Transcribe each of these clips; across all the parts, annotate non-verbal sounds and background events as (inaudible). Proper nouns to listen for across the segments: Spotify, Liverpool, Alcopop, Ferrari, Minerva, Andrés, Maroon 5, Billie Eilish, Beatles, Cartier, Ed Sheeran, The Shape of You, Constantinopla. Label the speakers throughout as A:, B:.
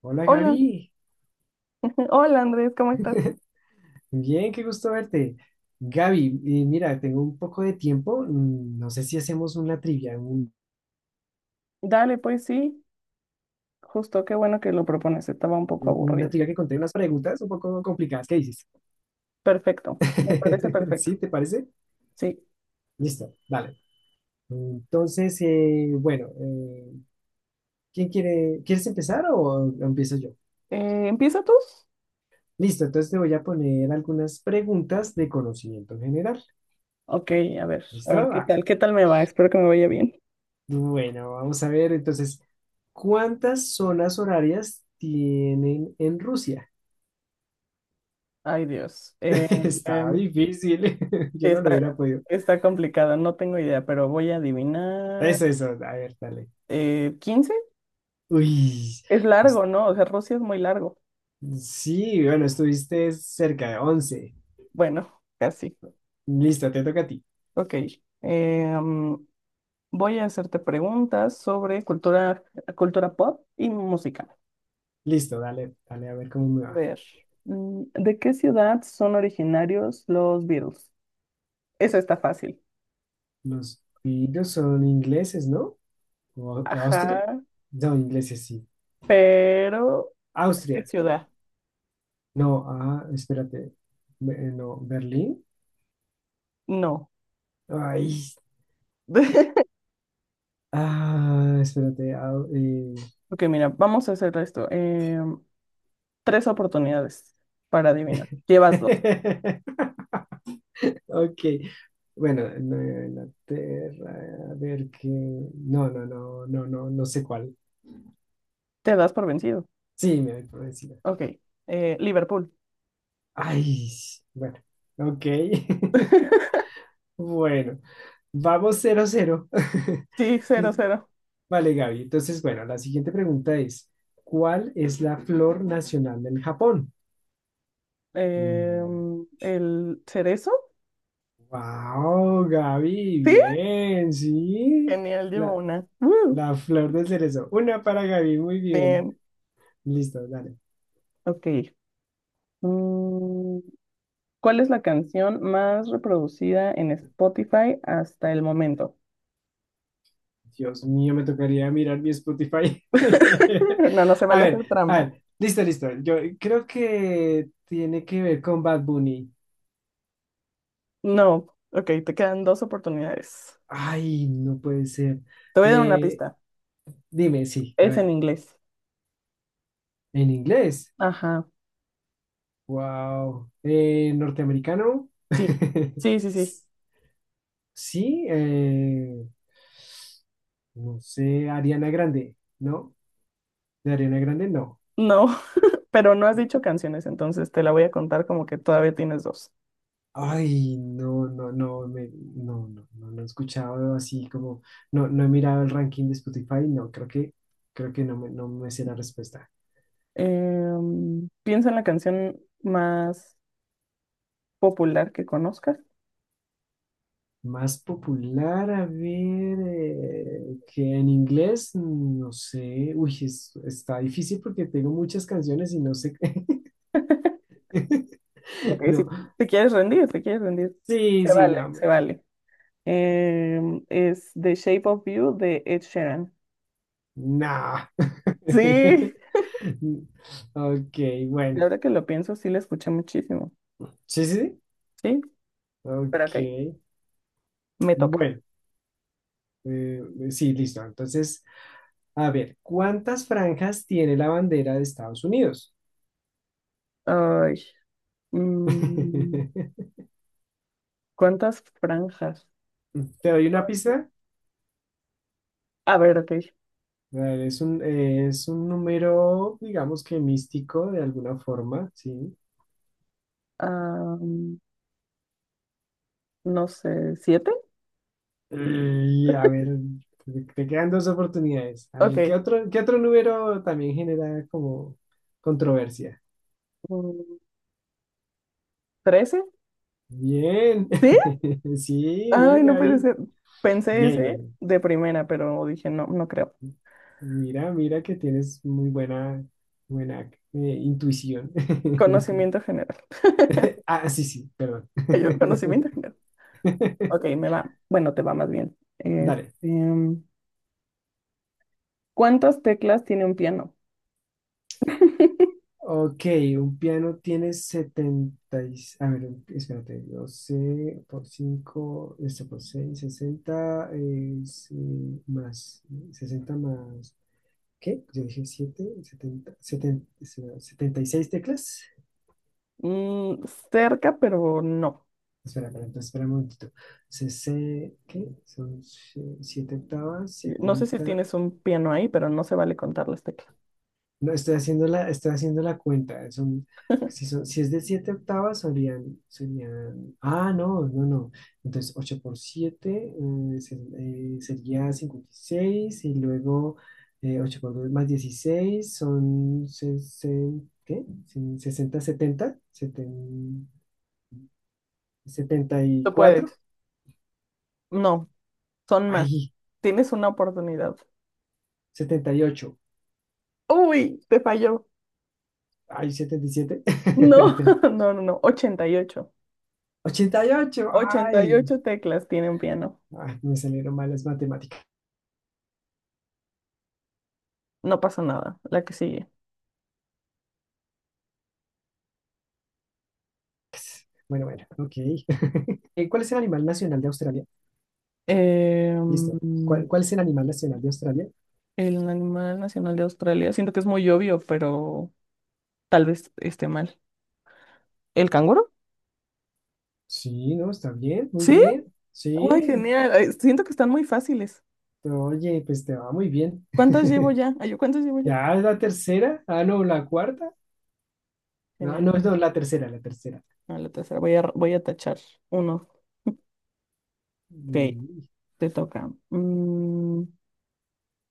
A: Hola
B: Hola,
A: Gaby,
B: (laughs) hola Andrés, ¿cómo estás?
A: (laughs) bien, qué gusto verte. Gaby, mira, tengo un poco de tiempo, no sé si hacemos una trivia,
B: Dale, pues sí, justo qué bueno que lo propones, estaba un poco
A: una
B: aburrido.
A: trivia que conté unas preguntas un poco complicadas, ¿qué dices?
B: Perfecto, me parece
A: (laughs)
B: perfecto.
A: ¿Sí, te parece?
B: Sí.
A: Listo, dale. Entonces, bueno, ¿ quieres empezar o empiezo yo?
B: ¿Empieza tú?
A: Listo, entonces te voy a poner algunas preguntas de conocimiento general.
B: Ok, a
A: ¿Listo?
B: ver, ¿qué
A: Ah,
B: tal? ¿Qué tal me va? Espero que me vaya bien.
A: bueno, vamos a ver entonces, ¿cuántas zonas horarias tienen en Rusia?
B: Ay, Dios,
A: (laughs) Está
B: sí,
A: difícil, (laughs) yo no lo
B: está,
A: hubiera podido.
B: está complicado, no tengo idea, pero voy a adivinar.
A: Eso, a ver, dale.
B: ¿15?
A: Uy,
B: Es
A: es-
B: largo, ¿no? O sea, Rusia es muy largo.
A: sí, bueno, estuviste cerca de 11.
B: Bueno, casi.
A: Listo, te toca a ti.
B: Ok, em, voy a hacerte preguntas sobre cultura, cultura pop y música.
A: Listo, dale, dale, a ver cómo me
B: A
A: va.
B: ver, ¿de qué ciudad son originarios los Beatles? Eso está fácil.
A: Los piros son ingleses, ¿no? ¿O Austria?
B: Ajá,
A: No, ingleses, sí.
B: pero ¿qué
A: Austria.
B: ciudad?
A: No, ah, espérate. No, Berlín.
B: No.
A: Ay,
B: (laughs)
A: ah, espérate.
B: Ok, mira, vamos a hacer esto. Tres oportunidades para adivinar. Llevas dos.
A: (laughs) Ok. Bueno, Nueva Inglaterra. A ver qué. No, no, no, no, no, no sé cuál.
B: Te das por vencido.
A: Sí, me voy por encima.
B: Ok, Liverpool.
A: Ay, bueno. Ok. (laughs) Bueno, vamos cero cero. (laughs)
B: Sí, cero,
A: Liz-
B: cero.
A: Vale, Gaby. Entonces, bueno, la siguiente pregunta es: ¿cuál es la flor nacional del Japón? Uy.
B: ¿El cerezo?
A: Wow, Gaby,
B: Sí.
A: bien, sí.
B: Genial, llevo
A: La,
B: una.
A: La flor de cerezo. Una para Gaby, muy bien.
B: Bien.
A: Listo, dale.
B: Ok. Mm, ¿Cuál es la canción más reproducida en Spotify hasta el momento?
A: Dios mío, me tocaría mirar mi Spotify.
B: (laughs) No, no se
A: (laughs) A
B: vale
A: ver,
B: hacer
A: a
B: trampa.
A: ver. Listo, listo. Yo creo que tiene que ver con Bad Bunny.
B: No. Ok, te quedan dos oportunidades.
A: Ay, no puede ser.
B: Te voy a dar una
A: Eh,
B: pista.
A: dime, sí, a
B: Es
A: ver.
B: en inglés.
A: En inglés.
B: Ajá.
A: Wow. Norteamericano.
B: Sí.
A: (laughs)
B: Sí, sí, sí.
A: S- Sí, no sé, Ariana Grande, ¿no? De Ariana Grande, no.
B: No, (laughs) pero no has dicho canciones, entonces te la voy a contar como que todavía tienes dos.
A: Ay, no, no, no, no, no, no, no he escuchado así como, no, no he mirado el ranking de Spotify, no, creo que no me, no me sé la respuesta.
B: Piensa en la canción más popular que conozcas.
A: Más popular, a ver, que en inglés, no sé, uy, está difícil porque tengo muchas canciones y no sé,
B: Ok,
A: (laughs)
B: si
A: no,
B: te quieres rendir, te quieres rendir.
A: sí,
B: Se
A: sí,
B: vale,
A: no,
B: se vale. Es The Shape of You de Ed Sheeran.
A: no.
B: Sí,
A: (laughs) Ok,
B: y
A: bueno,
B: ahora que lo pienso, sí la escuché muchísimo.
A: sí, sí, sí,
B: Sí, pero ok,
A: ok,
B: me toca.
A: bueno. Sí, listo. Entonces, a ver, ¿cuántas franjas tiene la bandera de Estados Unidos?
B: Ay, mm,
A: (laughs)
B: ¿cuántas franjas?
A: ¿Te doy una pista?
B: A ver, ok.
A: A ver, es un número, digamos que místico de alguna forma, ¿sí?
B: am, no sé, ¿siete?
A: Y a ver, te quedan dos oportunidades. A
B: Ok.
A: ver, ¿ qué otro número también genera como controversia?
B: mm, ¿Trece?
A: Bien,
B: ¿Sí?
A: (laughs) sí,
B: Ay,
A: bien,
B: no puede
A: Gaby.
B: ser. Pensé
A: Bien,
B: ese
A: bien.
B: de primera, pero dije, no, no creo.
A: Mira, mira que tienes muy buena, buena intuición. (laughs)
B: Conocimiento general.
A: Ah, sí, sí, perdón.
B: Ay, yo, conocimiento
A: (laughs)
B: general. Ok, me va. Bueno, te va más bien. Este,
A: Dale.
B: ¿cuántas teclas tiene un piano?
A: Ok, un piano tiene 70 y-. A ver, espérate. 12 por 5, esto por 6, 60 es, sí, más. 60 más. ¿Qué? Yo dije 7, 76 teclas.
B: Mm, cerca, pero no.
A: Espera, espera, entonces, espera un momentito. CC, ¿qué? Son si, 7 octavas,
B: No sé si
A: setenta.
B: tienes un piano ahí, pero no se vale contar las teclas.
A: No, estoy haciendo la cuenta. Son, si es de 7 octavas, serían, serían. Ah, no, no, no. Entonces, 8 por 7 sería 56. Y seis y luego, 8 por 2 más 16 son 60. ¿Qué? Son 60, 70, 70,
B: Tú
A: 74.
B: puedes. No, son más.
A: Ahí,
B: Tienes una oportunidad.
A: 78.
B: Uy, te falló.
A: Ay, (laughs) 77.
B: No, (laughs) no, no, no. 88,
A: 88.
B: ochenta y
A: Ay,
B: ocho teclas tiene un piano.
A: ay, me salieron malas matemáticas.
B: No pasa nada. La que sigue.
A: Bueno, bueno, ok. (laughs) ¿Cuál es el animal nacional de Australia?
B: Eh,
A: Listo.
B: mm,
A: ¿Cuál es el animal nacional de Australia?
B: el animal nacional de Australia. Siento que es muy obvio, pero tal vez esté mal. ¿El canguro?
A: Sí, no, está bien, muy
B: Sí.
A: bien.
B: Ay,
A: Sí.
B: genial. Ay, siento que están muy fáciles.
A: Oye, pues te va muy bien.
B: ¿Cuántas llevo ya? Ay, yo, ¿cuántas llevo ya?
A: Ya es la tercera. Ah, no, la cuarta. No, no,
B: Genial.
A: no, la tercera, la tercera.
B: No, la tercera. Voy a tachar uno. Ok,
A: Y,
B: te toca.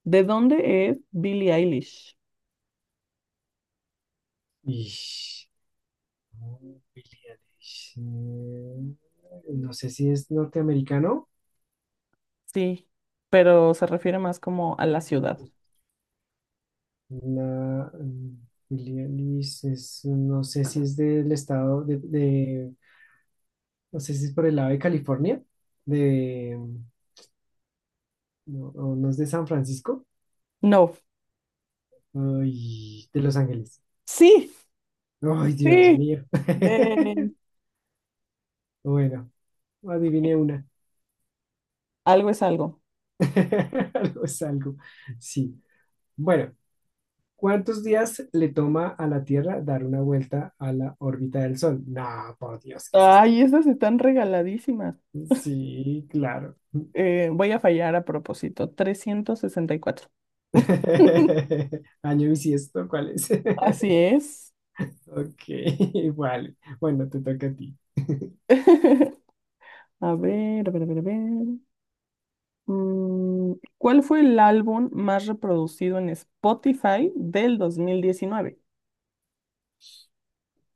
B: ¿De dónde es Billie Eilish?
A: y- no, Billie Eilish. No sé si es norteamericano.
B: Sí, pero se refiere más como a la ciudad.
A: La Helialis es, no sé si es del estado no sé si es por el lado de California, de, no, o no es de San Francisco,
B: No.
A: ay, de Los Ángeles.
B: Sí,
A: Ay, Dios
B: sí.
A: mío.
B: De...
A: (laughs) Bueno, adiviné una.
B: Algo es algo.
A: (laughs) Algo es algo. Sí. Bueno, ¿cuántos días le toma a la Tierra dar una vuelta a la órbita del Sol? No, por Dios, ¿qué es esto?
B: Ay, esas están regaladísimas.
A: Sí, claro.
B: Voy a fallar a propósito. 364. (laughs)
A: (laughs) Año bisiesto, ¿cuál es?
B: Así
A: (laughs)
B: es.
A: Ok, (laughs) vale. Bueno, te toca a ti. (laughs)
B: (laughs) A ver, a ver, a ver, a ver. Mm, ¿Cuál fue el álbum más reproducido en Spotify del 2019?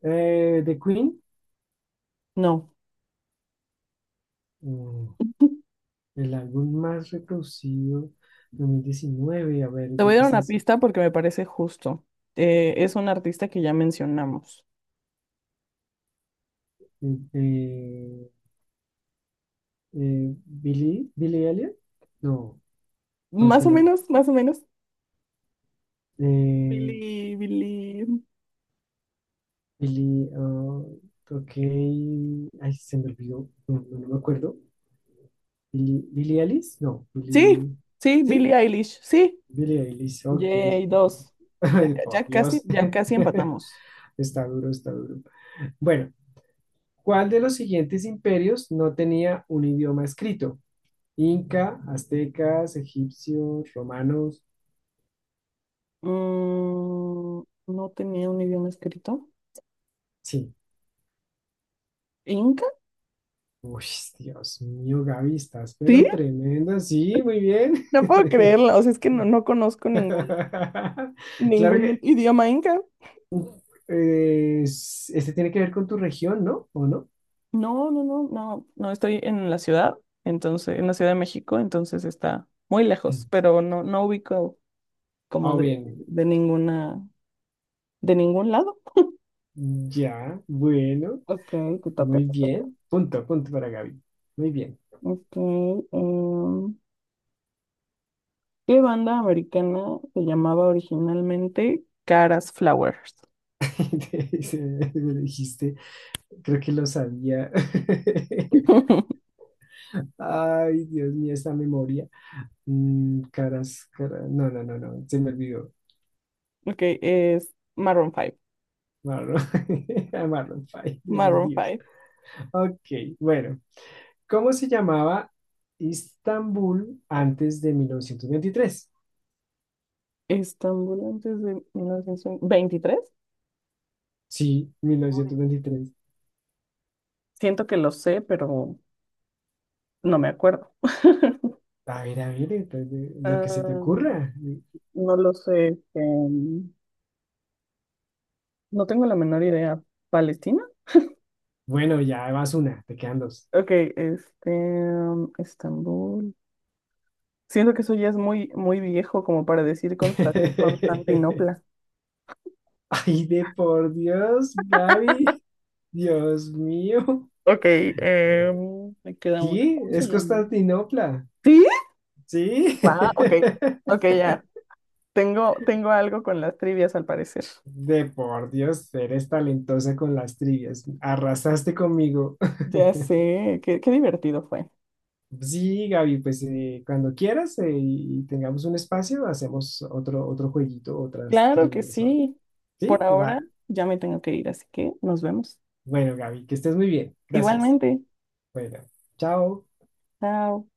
A: The Queen,
B: No.
A: mm, el álbum más reproducido 2019. A ver,
B: (laughs) Te voy
A: yo
B: a
A: qué
B: dar
A: sé.
B: una
A: ¿Hace?
B: pista porque me parece justo. Es un artista que ya mencionamos.
A: Eh, eh, Billy, Billy Elliot? No, ¿cuál
B: Más
A: fue
B: o menos, más o menos.
A: eh,
B: Billie, Billie.
A: Billy, ok. Ay, se me olvidó. No, no, no me acuerdo. Billy, Billy Ellis? No,
B: Sí,
A: Billy.
B: sí, Billie
A: ¿Sí?
B: Eilish. Sí,
A: Billie Eilish, ok.
B: yay, dos.
A: (laughs) Ay, por Dios.
B: Ya casi
A: (laughs)
B: empatamos.
A: Está duro, está duro. Bueno, ¿cuál de los siguientes imperios no tenía un idioma escrito? Inca, aztecas, egipcios, romanos.
B: Mm, no tenía un idioma escrito.
A: Sí.
B: ¿Inca?
A: Uy, Dios mío, Gaby, estás
B: Sí,
A: pero tremenda. Sí, muy bien.
B: no puedo
A: (laughs)
B: creerlo. O sea, es que no conozco ningún,
A: Claro
B: ningún
A: que
B: idioma inca.
A: este tiene que ver con tu región, ¿no? ¿O no?
B: No, no, no, no, no estoy en la ciudad, entonces, en la Ciudad de México, entonces está muy lejos, pero no, no ubico como
A: Ah, bien.
B: de ninguna, de ningún lado.
A: Ya, bueno.
B: Ok, te toca,
A: Muy
B: te toca.
A: bien. Punto, punto para Gaby. Muy bien.
B: Ok, em, ¿qué banda americana se llamaba originalmente Caras Flowers?
A: (laughs) Me lo dijiste, creo que lo sabía. (laughs)
B: (laughs)
A: Ay, Dios mío, esta memoria. Caras, caras. No, no, no, no. Se me olvidó.
B: Ok, es Maroon 5.
A: Marlon, (laughs) a Marlon Fay, por
B: Maroon
A: Dios.
B: 5.
A: Ok, bueno. ¿Cómo se llamaba Istambul antes de 1923?
B: Estambul antes de 1923.
A: Sí, 1923.
B: Siento que lo sé, pero no me acuerdo. (laughs)
A: A ver, entonces, lo que se te
B: Ah,
A: ocurra.
B: no lo sé. Este, no tengo la menor idea. ¿Palestina?
A: Bueno, ya vas una, te quedan dos.
B: Ok, este, Estambul. Siento que eso ya es muy, muy viejo como para decir
A: (laughs)
B: Constantinopla.
A: Ay, de por Dios, Gaby. Dios mío.
B: Ok, em, me queda una.
A: Sí,
B: ¿Cómo se
A: es
B: llama?
A: Constantinopla.
B: ¿Sí?
A: Sí.
B: Va, ok,
A: (laughs)
B: ok, ya. Tengo, tengo algo con las trivias al parecer.
A: De por Dios, eres talentosa con las trivias. Arrasaste conmigo. (laughs)
B: Ya sé, qué, qué divertido fue.
A: Sí, Gaby, pues cuando quieras y tengamos un espacio, hacemos otro, otro jueguito, otras
B: Claro que
A: trivias. O
B: sí. Por
A: Sí,
B: ahora
A: va.
B: ya me tengo que ir, así que nos vemos.
A: Bueno, Gaby, que estés muy bien. Gracias.
B: Igualmente.
A: Bueno, chao.
B: Chao.